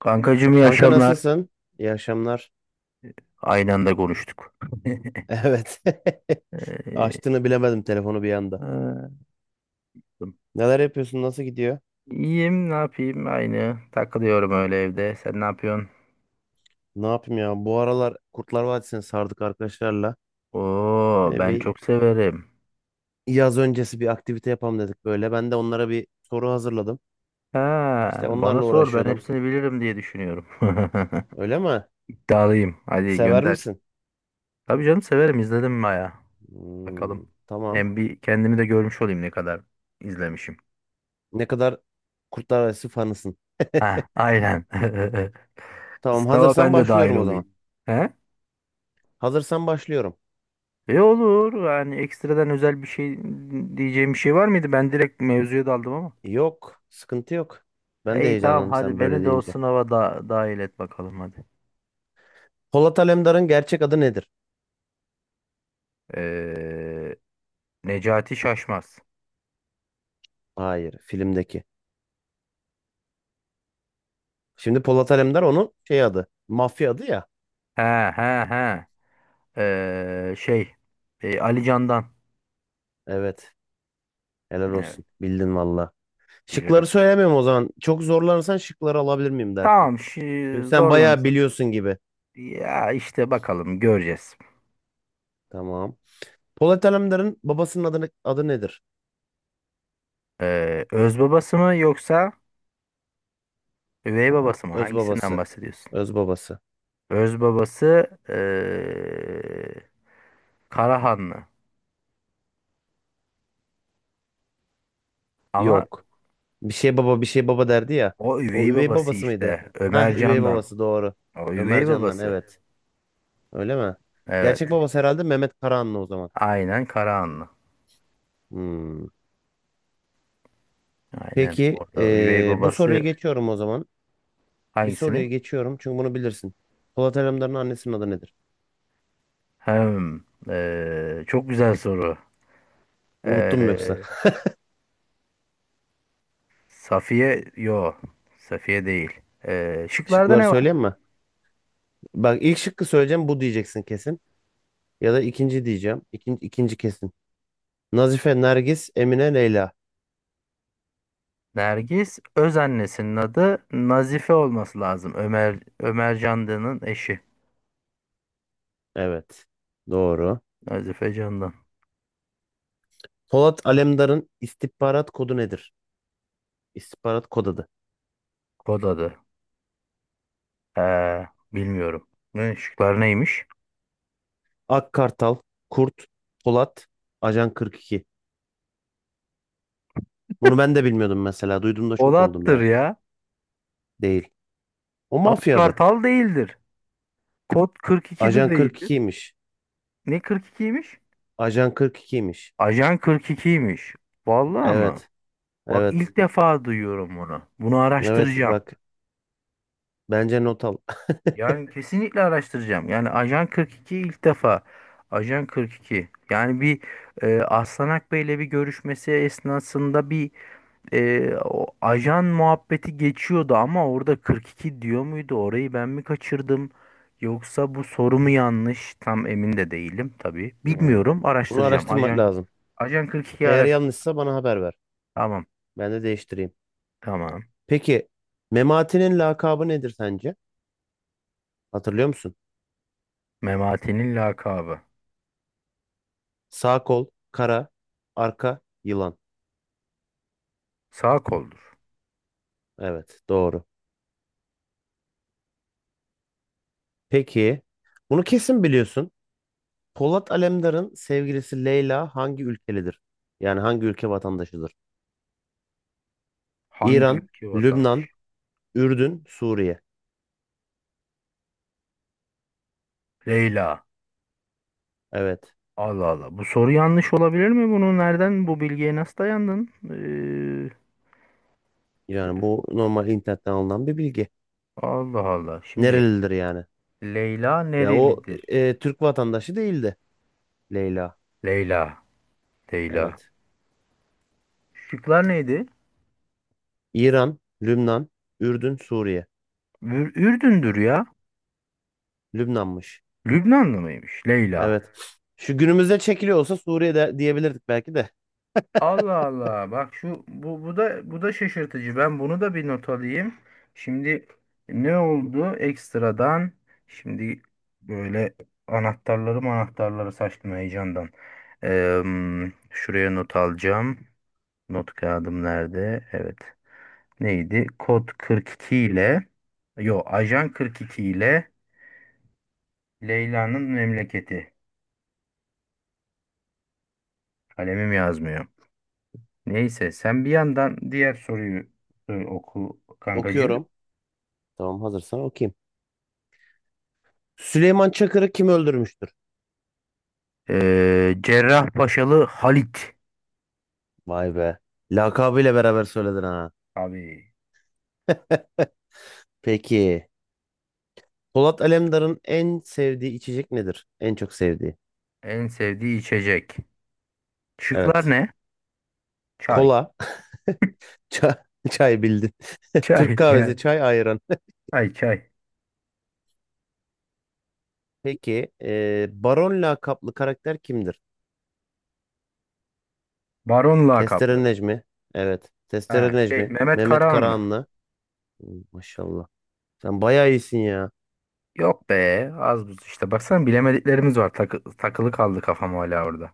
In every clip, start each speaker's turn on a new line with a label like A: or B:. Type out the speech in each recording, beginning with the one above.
A: Kankacığım iyi
B: Kanka
A: akşamlar.
B: nasılsın? İyi akşamlar.
A: Aynı anda konuştuk.
B: Evet.
A: Ee,
B: Açtığını bilemedim telefonu bir anda.
A: ha,
B: Neler yapıyorsun? Nasıl gidiyor?
A: İyiyim ne yapayım aynı. Takılıyorum öyle evde. Sen ne yapıyorsun?
B: Ne yapayım ya? Bu aralar Kurtlar Vadisi'ni sardık arkadaşlarla.
A: Oo ben
B: Bir
A: çok severim.
B: yaz öncesi bir aktivite yapalım dedik böyle. Ben de onlara bir soru hazırladım.
A: Ha,
B: İşte
A: bana
B: onlarla
A: sor ben
B: uğraşıyordum.
A: hepsini bilirim diye düşünüyorum.
B: Öyle mi?
A: İddialıyım. Hadi
B: Sever
A: gönder.
B: misin?
A: Tabii canım severim izledim baya. Bakalım.
B: Hmm, tamam.
A: Hem bir kendimi de görmüş olayım ne kadar izlemişim.
B: Ne kadar Kurtlar Vadisi fanısın?
A: Ha, aynen.
B: Tamam.
A: Sınava
B: Hazırsan
A: ben de dahil
B: başlıyorum o zaman.
A: olayım. He?
B: Hazırsan başlıyorum.
A: E olur. Yani ekstradan özel bir şey diyeceğim bir şey var mıydı? Ben direkt mevzuya daldım ama.
B: Yok. Sıkıntı yok. Ben de
A: İyi tamam
B: heyecanlandım
A: hadi
B: sen böyle
A: beni de o
B: deyince.
A: sınava da dahil et bakalım hadi.
B: Polat Alemdar'ın gerçek adı nedir?
A: Ee, Necati Şaşmaz.
B: Hayır, filmdeki. Şimdi Polat Alemdar onun şey adı. Mafya adı ya.
A: He he he. Ee, şey. Ali Can'dan.
B: Evet. Helal
A: Evet
B: olsun. Bildin valla.
A: bilirim.
B: Şıkları söylemiyorum o zaman. Çok zorlanırsan şıkları alabilir miyim dersin.
A: Tamam,
B: Çünkü sen bayağı
A: zorlanırsam.
B: biliyorsun gibi.
A: Ya işte bakalım göreceğiz.
B: Tamam. Polat Alemdar'ın babasının adı nedir?
A: Öz babası mı yoksa üvey babası mı?
B: Öz
A: Hangisinden
B: babası.
A: bahsediyorsun?
B: Öz babası.
A: Öz babası Karahanlı. Ama
B: Yok. Bir şey baba bir şey baba derdi ya.
A: o
B: O
A: üvey
B: üvey
A: babası
B: babası mıydı?
A: işte.
B: Ha,
A: Ömer
B: üvey
A: Candan.
B: babası doğru.
A: O
B: Ömer
A: üvey
B: Can'dan,
A: babası.
B: evet. Öyle mi? Gerçek
A: Evet.
B: babası herhalde Mehmet Karahanlı o zaman.
A: Aynen Karahanlı.
B: Hmm.
A: Aynen.
B: Peki
A: Orada üvey
B: bu soruyu
A: babası
B: geçiyorum o zaman. Bir
A: hangisini?
B: soruyu geçiyorum çünkü bunu bilirsin. Polat Alemdar'ın annesinin adı nedir?
A: Hem. Çok güzel soru.
B: Unuttun mu yoksa?
A: Eee, Safiye. Yo. Safiye değil. Şıklarda
B: Şıkları
A: ne var?
B: söyleyeyim mi? Bak ilk şıkkı söyleyeceğim bu diyeceksin kesin. Ya da ikinci diyeceğim. İkinci, ikinci kesin. Nazife, Nergis, Emine, Leyla.
A: Nergis Özannesinin adı Nazife olması lazım. Ömer Candan'ın eşi.
B: Evet. Doğru.
A: Nazife Candan.
B: Polat Alemdar'ın istihbarat kodu nedir? İstihbarat kod adı.
A: Kod adı. Bilmiyorum. Ne, şıklar neymiş?
B: Ak Kartal, Kurt, Polat, Ajan 42. Bunu ben de bilmiyordum mesela. Duyduğumda şok oldum
A: Polat'tır
B: yani.
A: ya.
B: Değil. O
A: Ak
B: mafyadı.
A: Kartal değildir. Kod 42'de
B: Ajan
A: değildir.
B: 42'ymiş.
A: Ne 42'ymiş?
B: Ajan 42'ymiş.
A: Ajan 42'ymiş. Vallahi mı?
B: Evet.
A: Bak
B: Evet.
A: ilk defa duyuyorum bunu. Bunu
B: Evet,
A: araştıracağım.
B: bak, bence not al.
A: Yani kesinlikle araştıracağım. Yani Ajan 42 ilk defa. Ajan 42. Yani bir Aslanak Bey'le bir görüşmesi esnasında bir o ajan muhabbeti geçiyordu ama orada 42 diyor muydu? Orayı ben mi kaçırdım? Yoksa bu soru mu yanlış? Tam emin de değilim tabii.
B: Hmm.
A: Bilmiyorum.
B: Bunu
A: Araştıracağım.
B: araştırmak
A: Ajan
B: lazım.
A: Ajan 42'yi
B: Eğer
A: araştır.
B: yanlışsa bana haber ver.
A: Tamam.
B: Ben de değiştireyim.
A: Tamam.
B: Peki, Memati'nin lakabı nedir sence? Hatırlıyor musun?
A: Memati'nin lakabı.
B: Sağ kol, kara, arka, yılan.
A: Sağ koldur.
B: Evet, doğru. Peki, bunu kesin biliyorsun. Polat Alemdar'ın sevgilisi Leyla hangi ülkelidir? Yani hangi ülke vatandaşıdır?
A: Hangi
B: İran,
A: ülke vatandaşı?
B: Lübnan, Ürdün, Suriye.
A: Leyla.
B: Evet.
A: Allah Allah. Bu soru yanlış olabilir mi? Bunu nereden bu bilgiye nasıl dayandın?
B: Yani bu normal internetten alınan bir bilgi.
A: Allah Allah. Şimdi
B: Nerelidir yani?
A: Leyla
B: Ya o
A: nerelidir?
B: Türk vatandaşı değildi Leyla.
A: Leyla. Leyla.
B: Evet.
A: Şıklar neydi?
B: İran, Lübnan, Ürdün, Suriye.
A: Ürdün'dür ya.
B: Lübnanmış.
A: Lübnanlı mıymış Leyla?
B: Evet. Şu günümüzde çekiliyor olsa Suriye'de diyebilirdik belki de.
A: Allah Allah. Bak şu bu da bu da şaşırtıcı. Ben bunu da bir not alayım. Şimdi ne oldu ekstradan? Şimdi böyle anahtarları saçtım heyecandan. Eee, şuraya not alacağım. Not kağıdım nerede? Evet. Neydi? Kod 42 ile Yo, Ajan 42 ile Leyla'nın memleketi. Kalemim yazmıyor. Neyse sen bir yandan diğer soruyu oku kankacığım.
B: Okuyorum. Tamam, hazırsan okuyayım. Süleyman Çakır'ı kim öldürmüştür?
A: Cerrahpaşalı Halit.
B: Vay be. Lakabıyla beraber söyledin ha.
A: Abi
B: Peki. Polat Alemdar'ın en sevdiği içecek nedir? En çok sevdiği.
A: en sevdiği içecek. Şıklar
B: Evet.
A: ne? Çay.
B: Kola. Çay, çay bildin. Türk
A: Çay
B: kahvesi,
A: yani.
B: çay, ayran.
A: Çay çay.
B: Peki, Baron lakaplı karakter kimdir?
A: Baron
B: Testere
A: lakaplı.
B: Necmi. Evet. Testere
A: Ha, şey,
B: Necmi.
A: Mehmet
B: Mehmet
A: Karahanlı.
B: Karahanlı. Hmm, maşallah. Sen bayağı iyisin ya.
A: Yok be az buz işte. Baksana bilemediklerimiz var. Takılı kaldı kafam hala orada.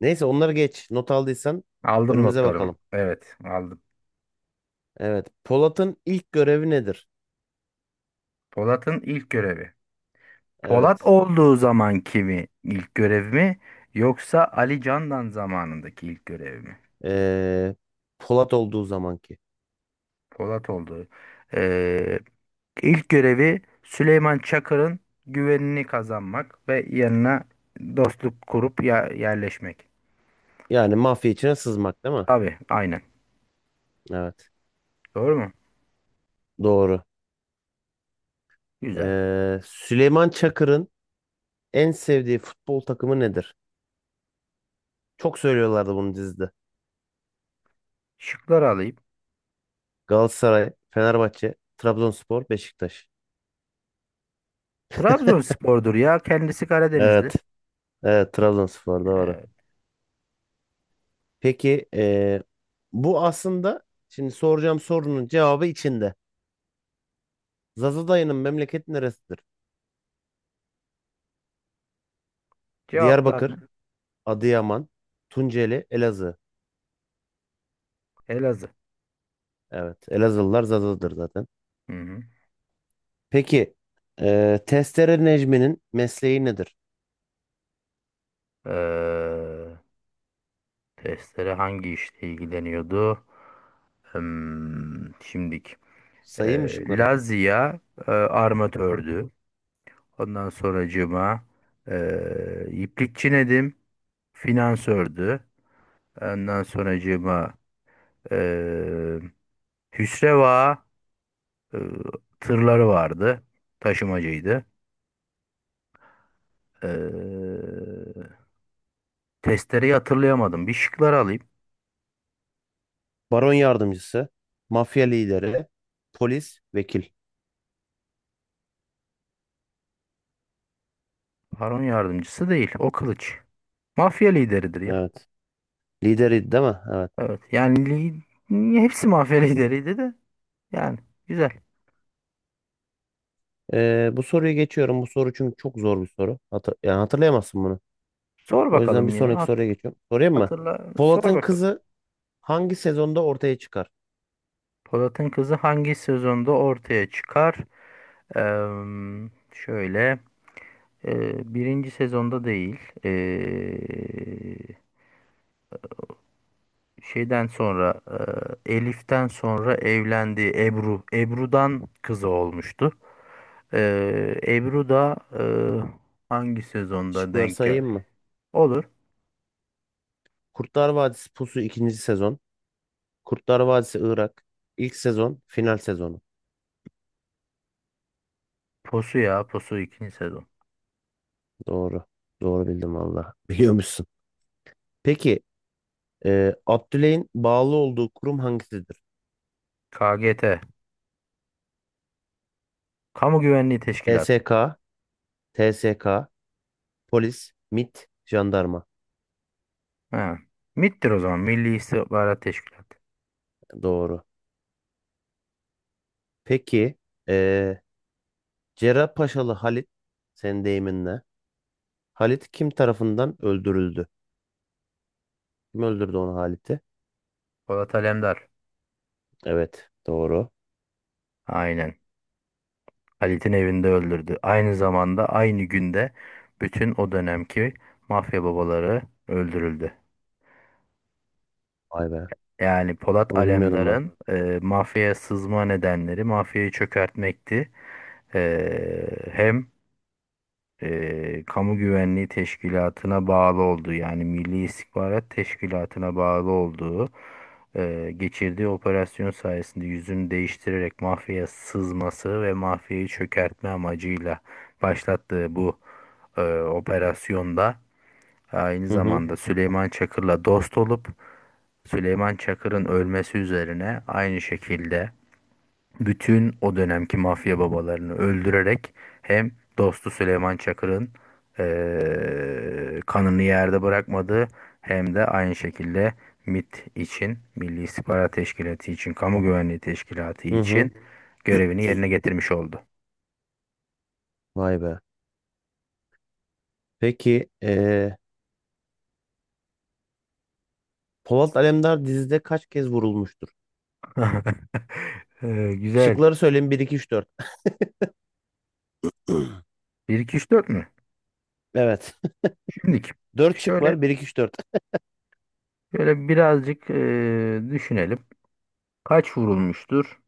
B: Neyse, onları geç. Not aldıysan
A: Aldım
B: önümüze
A: notlarımı.
B: bakalım.
A: Evet aldım.
B: Evet. Polat'ın ilk görevi nedir?
A: Polat'ın ilk görevi. Polat
B: Evet.
A: olduğu zamanki mi ilk görev mi yoksa Ali Candan zamanındaki ilk görev mi?
B: E, Polat olduğu zamanki.
A: Polat olduğu. Ee, ilk görevi Süleyman Çakır'ın güvenini kazanmak ve yanına dostluk kurup ya yerleşmek.
B: Yani mafya içine sızmak değil mi?
A: Tabii aynen.
B: Evet.
A: Doğru mu?
B: Doğru.
A: Güzel.
B: Süleyman Çakır'ın en sevdiği futbol takımı nedir? Çok söylüyorlardı bunu dizide.
A: Şıkları alayım.
B: Galatasaray, Fenerbahçe, Trabzonspor, Beşiktaş.
A: Trabzonspor'dur ya. Kendisi Karadenizli.
B: Evet, evet, Trabzonspor doğru.
A: Evet.
B: Peki bu aslında şimdi soracağım sorunun cevabı içinde. Zaza dayının memleketi neresidir?
A: Cevaplar ne?
B: Diyarbakır, Adıyaman, Tunceli, Elazığ.
A: Elazığ.
B: Evet, Elazığlılar Zaza'dır zaten.
A: Hı
B: Peki Testere Necmi'nin mesleği nedir?
A: hı. Testere hangi işle ilgileniyordu? Hmm, şimdik.
B: Sayayım mı şıkları?
A: Lazia armatördü. Ondan sonracığıma iplikçi Nedim finansördü. Ondan sonracığıma e, Hüsreva e, tırları vardı. Taşımacıydı. E, testereyi hatırlayamadım. Bir şıkları alayım.
B: Baron yardımcısı, mafya lideri, polis, vekil.
A: Baron yardımcısı değil. O kılıç. Mafya lideridir ya.
B: Evet. Lideri değil mi? Evet.
A: Evet. Yani hepsi mafya lideriydi de. Yani güzel.
B: Bu soruyu geçiyorum. Bu soru çünkü çok zor bir soru. Yani hatırlayamazsın bunu.
A: Sor
B: O yüzden bir
A: bakalım yine.
B: sonraki soruya geçiyorum. Sorayım mı?
A: Hatırla. Sor
B: Polat'ın
A: bakalım.
B: kızı hangi sezonda ortaya çıkar?
A: Polat'ın kızı hangi sezonda ortaya çıkar? Şöyle. Birinci sezonda değil. Şeyden sonra Elif'ten sonra evlendiği Ebru. Ebru'dan kızı olmuştu. Ebru da hangi sezonda
B: Şıkları
A: denk
B: sayayım
A: geldi?
B: mı?
A: Olur.
B: Kurtlar Vadisi Pusu ikinci sezon. Kurtlar Vadisi Irak, ilk sezon, final sezonu.
A: Posu ya. Posu ikinci sezon.
B: Doğru. Doğru bildim valla. Biliyormuşsun. Peki, Abdüley'in bağlı olduğu kurum hangisidir?
A: KGT. Kamu Güvenliği Teşkilatı.
B: SSK, TSK, polis, MIT, jandarma.
A: Ha. MİT'tir o zaman. Milli İstihbarat Teşkilatı.
B: Doğru. Peki, e, Cerrahpaşalı Halit, senin deyiminle. Halit kim tarafından öldürüldü? Kim öldürdü onu, Halit'i?
A: Polat Alemdar.
B: Evet, doğru.
A: Aynen. Halit'in evinde öldürdü. Aynı zamanda aynı günde bütün o dönemki mafya babaları öldürüldü.
B: Vay be.
A: Yani Polat
B: Bunu bilmiyordum ben.
A: Alemdar'ın mafyaya sızma nedenleri mafyayı çökertmekti. Hem Kamu Güvenliği Teşkilatı'na bağlı olduğu yani Milli İstihbarat Teşkilatı'na bağlı olduğu geçirdiği operasyon sayesinde yüzünü değiştirerek mafyaya sızması ve mafyayı çökertme amacıyla başlattığı bu operasyonda aynı
B: Hı hı.
A: zamanda Süleyman Çakır'la dost olup Süleyman Çakır'ın ölmesi üzerine aynı şekilde bütün o dönemki mafya babalarını öldürerek hem dostu Süleyman Çakır'ın kanını yerde bırakmadı hem de aynı şekilde MIT için Milli İstihbarat Teşkilatı için Kamu Güvenliği Teşkilatı
B: Hı hı.
A: için görevini yerine getirmiş oldu.
B: Vay be. Peki Polat Alemdar dizide kaç kez vurulmuştur?
A: Güzel.
B: Şıkları söyleyeyim: bir, iki, üç, 4.
A: 1 2 3 4 mü?
B: Evet.
A: Şimdiki.
B: Dört şık
A: Şöyle
B: var. Bir, iki, üç, dört.
A: şöyle birazcık düşünelim. Kaç vurulmuştur?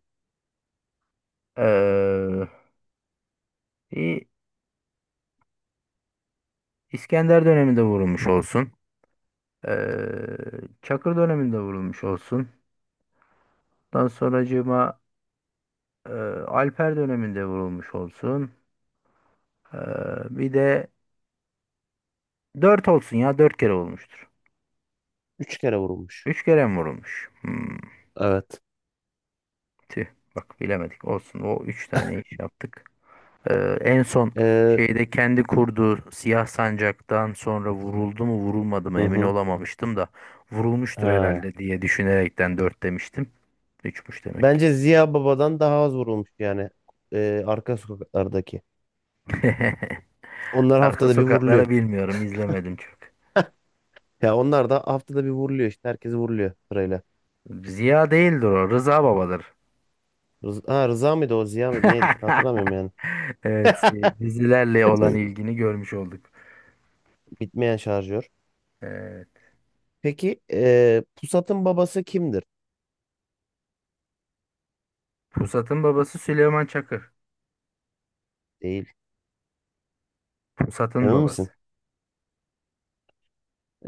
A: Eee, İ- İskender döneminde vurulmuş olsun. Eee, Çakır döneminde vurulmuş olsun. Ondan sonracığıma eee, Alper döneminde vurulmuş olsun. Eee, bir de 4 olsun ya 4 kere olmuştur.
B: Üç kere vurulmuş.
A: 3 kere mi vurulmuş? Hmm,
B: Evet.
A: tüh bak bilemedik olsun. O 3 tane iş yaptık. En son
B: Eee,
A: şeyde kendi kurduğu siyah sancaktan sonra vuruldu mu vurulmadı mı
B: hı
A: emin
B: hı.
A: olamamıştım da vurulmuştur
B: Ha.
A: herhalde diye düşünerekten 4 demiştim. Üçmüş demek.
B: Bence Ziya Baba'dan daha az vurulmuş yani. Arka sokaklardaki. Onlar
A: Arka
B: haftada bir vuruluyor.
A: sokakları bilmiyorum, izlemedim çok.
B: Ya onlar da haftada bir vuruluyor işte. Herkesi vuruluyor sırayla.
A: Ziya değildir o, Rıza Baba'dır.
B: Ha, Rıza mıydı o, Ziya mıydı, neydi işte, hatırlamıyorum yani.
A: Evet, dizilerle olan ilgini görmüş olduk.
B: Bitmeyen şarjör.
A: Evet.
B: Peki Pusat'ın babası kimdir?
A: Pusat'ın babası Süleyman Çakır.
B: Değil.
A: Pusat'ın
B: Emin misin?
A: babası.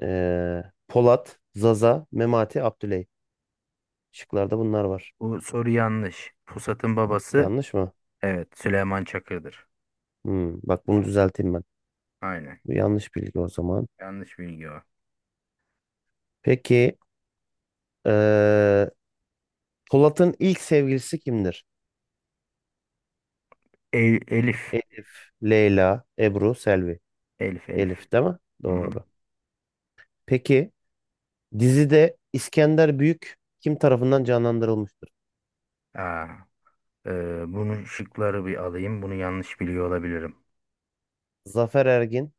B: Polat, Zaza, Memati, Abdüley. Şıklarda bunlar var.
A: Bu soru yanlış. Pusat'ın babası
B: Yanlış mı?
A: evet Süleyman Çakır'dır.
B: Hmm, bak, bunu düzelteyim ben.
A: Aynen.
B: Bu yanlış bilgi o zaman.
A: Yanlış bilgi o.
B: Peki eee, Polat'ın ilk sevgilisi kimdir?
A: Elif.
B: Elif, Leyla, Ebru, Selvi.
A: Elif, Elif.
B: Elif değil mi?
A: Hı-hı.
B: Doğru. Peki, dizide İskender Büyük kim tarafından canlandırılmıştır?
A: Aa, e, bunun şıkları bir alayım. Bunu yanlış biliyor olabilirim.
B: Zafer Ergin,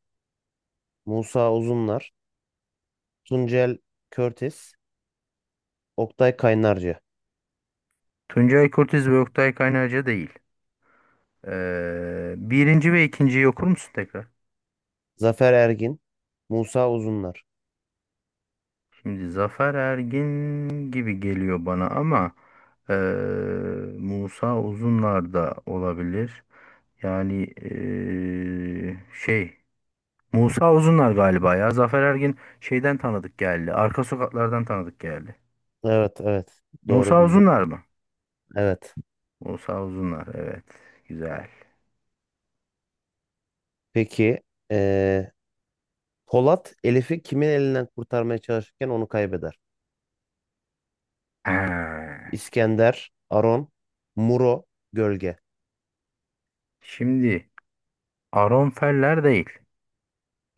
B: Musa Uzunlar, Tuncel Körtis, Oktay Kaynarca.
A: Tuncay Kurtiz ve Oktay Kaynarca değil. Birinci ve ikinciyi okur musun tekrar?
B: Zafer Ergin, Musa Uzunlar.
A: Şimdi Zafer Ergin gibi geliyor bana ama ee, Musa Uzunlar da olabilir. Yani Musa Uzunlar galiba ya. Zafer Ergin şeyden tanıdık geldi. Arka sokaklardan tanıdık geldi.
B: Evet, evet. Doğru
A: Musa
B: bildin.
A: Uzunlar mı?
B: Evet.
A: Musa Uzunlar evet. Güzel.
B: Peki, eee, Polat Elif'i kimin elinden kurtarmaya çalışırken onu kaybeder?
A: Ha.
B: İskender, Aron, Muro, Gölge.
A: Şimdi Aron Feller değil.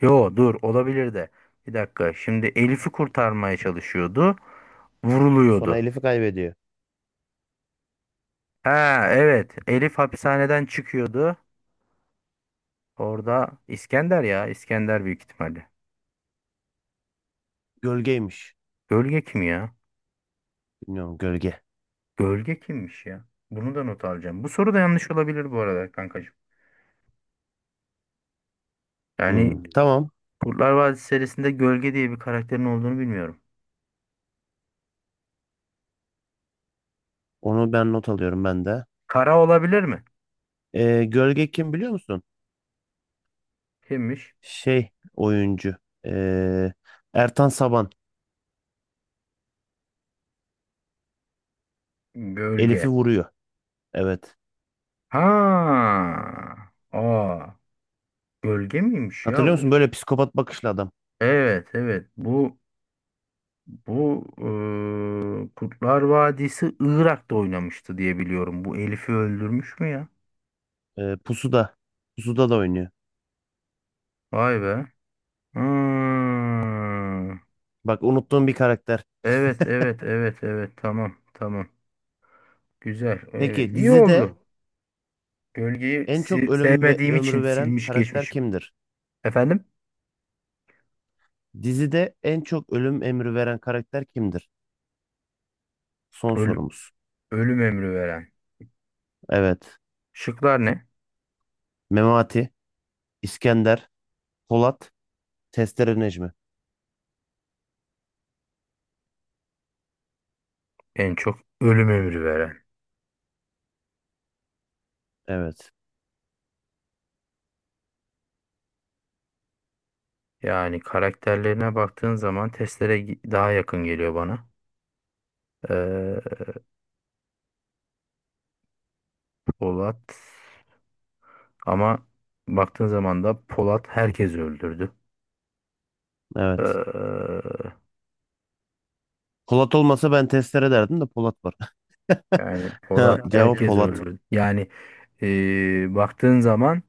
A: Yo dur olabilir de. Bir dakika. Şimdi Elif'i kurtarmaya çalışıyordu.
B: Sonra
A: Vuruluyordu.
B: Elif'i kaybediyor.
A: Ha evet. Elif hapishaneden çıkıyordu. Orada İskender ya. İskender büyük ihtimalle.
B: Gölgeymiş.
A: Gölge kim ya?
B: Bilmiyorum, gölge.
A: Gölge kimmiş ya? Bunu da not alacağım. Bu soru da yanlış olabilir bu arada kankacığım. Yani
B: Hmm,
A: Hmm.
B: tamam.
A: Kurtlar Vadisi serisinde Gölge diye bir karakterin olduğunu bilmiyorum.
B: Onu ben not alıyorum, ben de.
A: Kara olabilir mi?
B: Gölge kim, biliyor musun?
A: Kimmiş?
B: Şey, oyuncu. Ee, Ertan Saban.
A: Gölge.
B: Elif'i vuruyor. Evet.
A: Ha. Aa. Gölge miymiş ya
B: Hatırlıyor
A: bu?
B: musun? Böyle psikopat bakışlı adam.
A: Evet evet bu Kurtlar Vadisi Irak'ta oynamıştı diye biliyorum. Bu Elif'i öldürmüş mü ya?
B: Pusuda. Pusuda da oynuyor.
A: Vay be. Hmm.
B: Bak, unuttuğum bir karakter.
A: Evet evet evet evet tamam tamam. Güzel evet
B: Peki,
A: iyi
B: dizide
A: oldu. Gölgeyi
B: en çok ölüm ve
A: sevmediğim için
B: ömrü veren
A: silmiş
B: karakter
A: geçmişim.
B: kimdir?
A: Efendim?
B: Dizide en çok ölüm emri veren karakter kimdir? Son
A: Ölü-
B: sorumuz.
A: ölüm emri veren.
B: Evet.
A: Şıklar ne?
B: Memati, İskender, Polat, Testere Necmi.
A: En çok ölüm emri veren.
B: Evet.
A: Yani karakterlerine baktığın zaman testlere daha yakın geliyor bana. Polat ama baktığın zaman da Polat herkesi öldürdü. Ee,
B: Evet. Polat olmasa ben testere derdim, de Polat var.
A: yani Polat
B: Ha,
A: yani
B: cevap
A: herkesi
B: Polat.
A: öldürdü. Yani baktığın zaman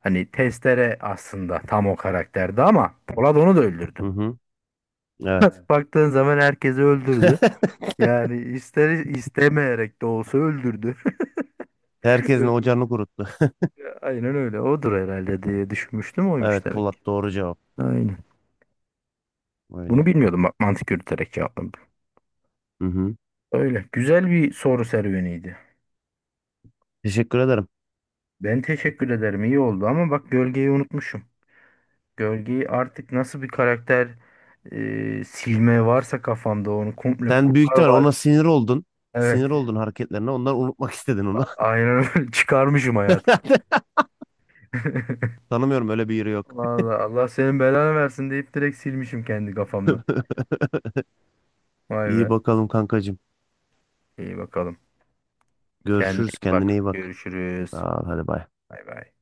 A: hani Testere aslında tam o karakterdi ama Polat onu da öldürdü.
B: Hı hı. Evet.
A: Baktığın zaman herkesi öldürdü. Yani ister istemeyerek de olsa öldürdü.
B: Herkesin
A: Ölüm-
B: ocağını kuruttu.
A: Aynen öyle. Odur herhalde diye düşünmüştüm. Oymuş
B: Evet,
A: demek.
B: Polat doğru cevap.
A: Aynen. Bunu
B: Öyle.
A: bilmiyordum bak mantık yürüterek cevapladım.
B: Hı hı.
A: Öyle. Güzel bir soru serüveniydi.
B: Teşekkür ederim.
A: Ben teşekkür ederim. İyi oldu ama bak Gölgeyi unutmuşum. Gölgeyi artık nasıl bir karakter silme varsa kafamda onu komple
B: Sen büyük
A: Kurtlar
B: ihtimal ona
A: Vadisi.
B: sinir oldun.
A: Evet.
B: Sinir oldun hareketlerine. Ondan unutmak istedin onu.
A: Aynen öyle. çıkarmışım hayatım.
B: Tanımıyorum, öyle bir yeri yok.
A: Vallahi Allah senin belanı versin deyip direkt silmişim kendi kafamdan. Vay
B: İyi
A: be.
B: bakalım kankacığım.
A: İyi bakalım. Kendine
B: Görüşürüz.
A: iyi
B: Kendine
A: bak.
B: iyi bak.
A: Görüşürüz.
B: Sağ ol. Hadi bay.
A: Bay bay.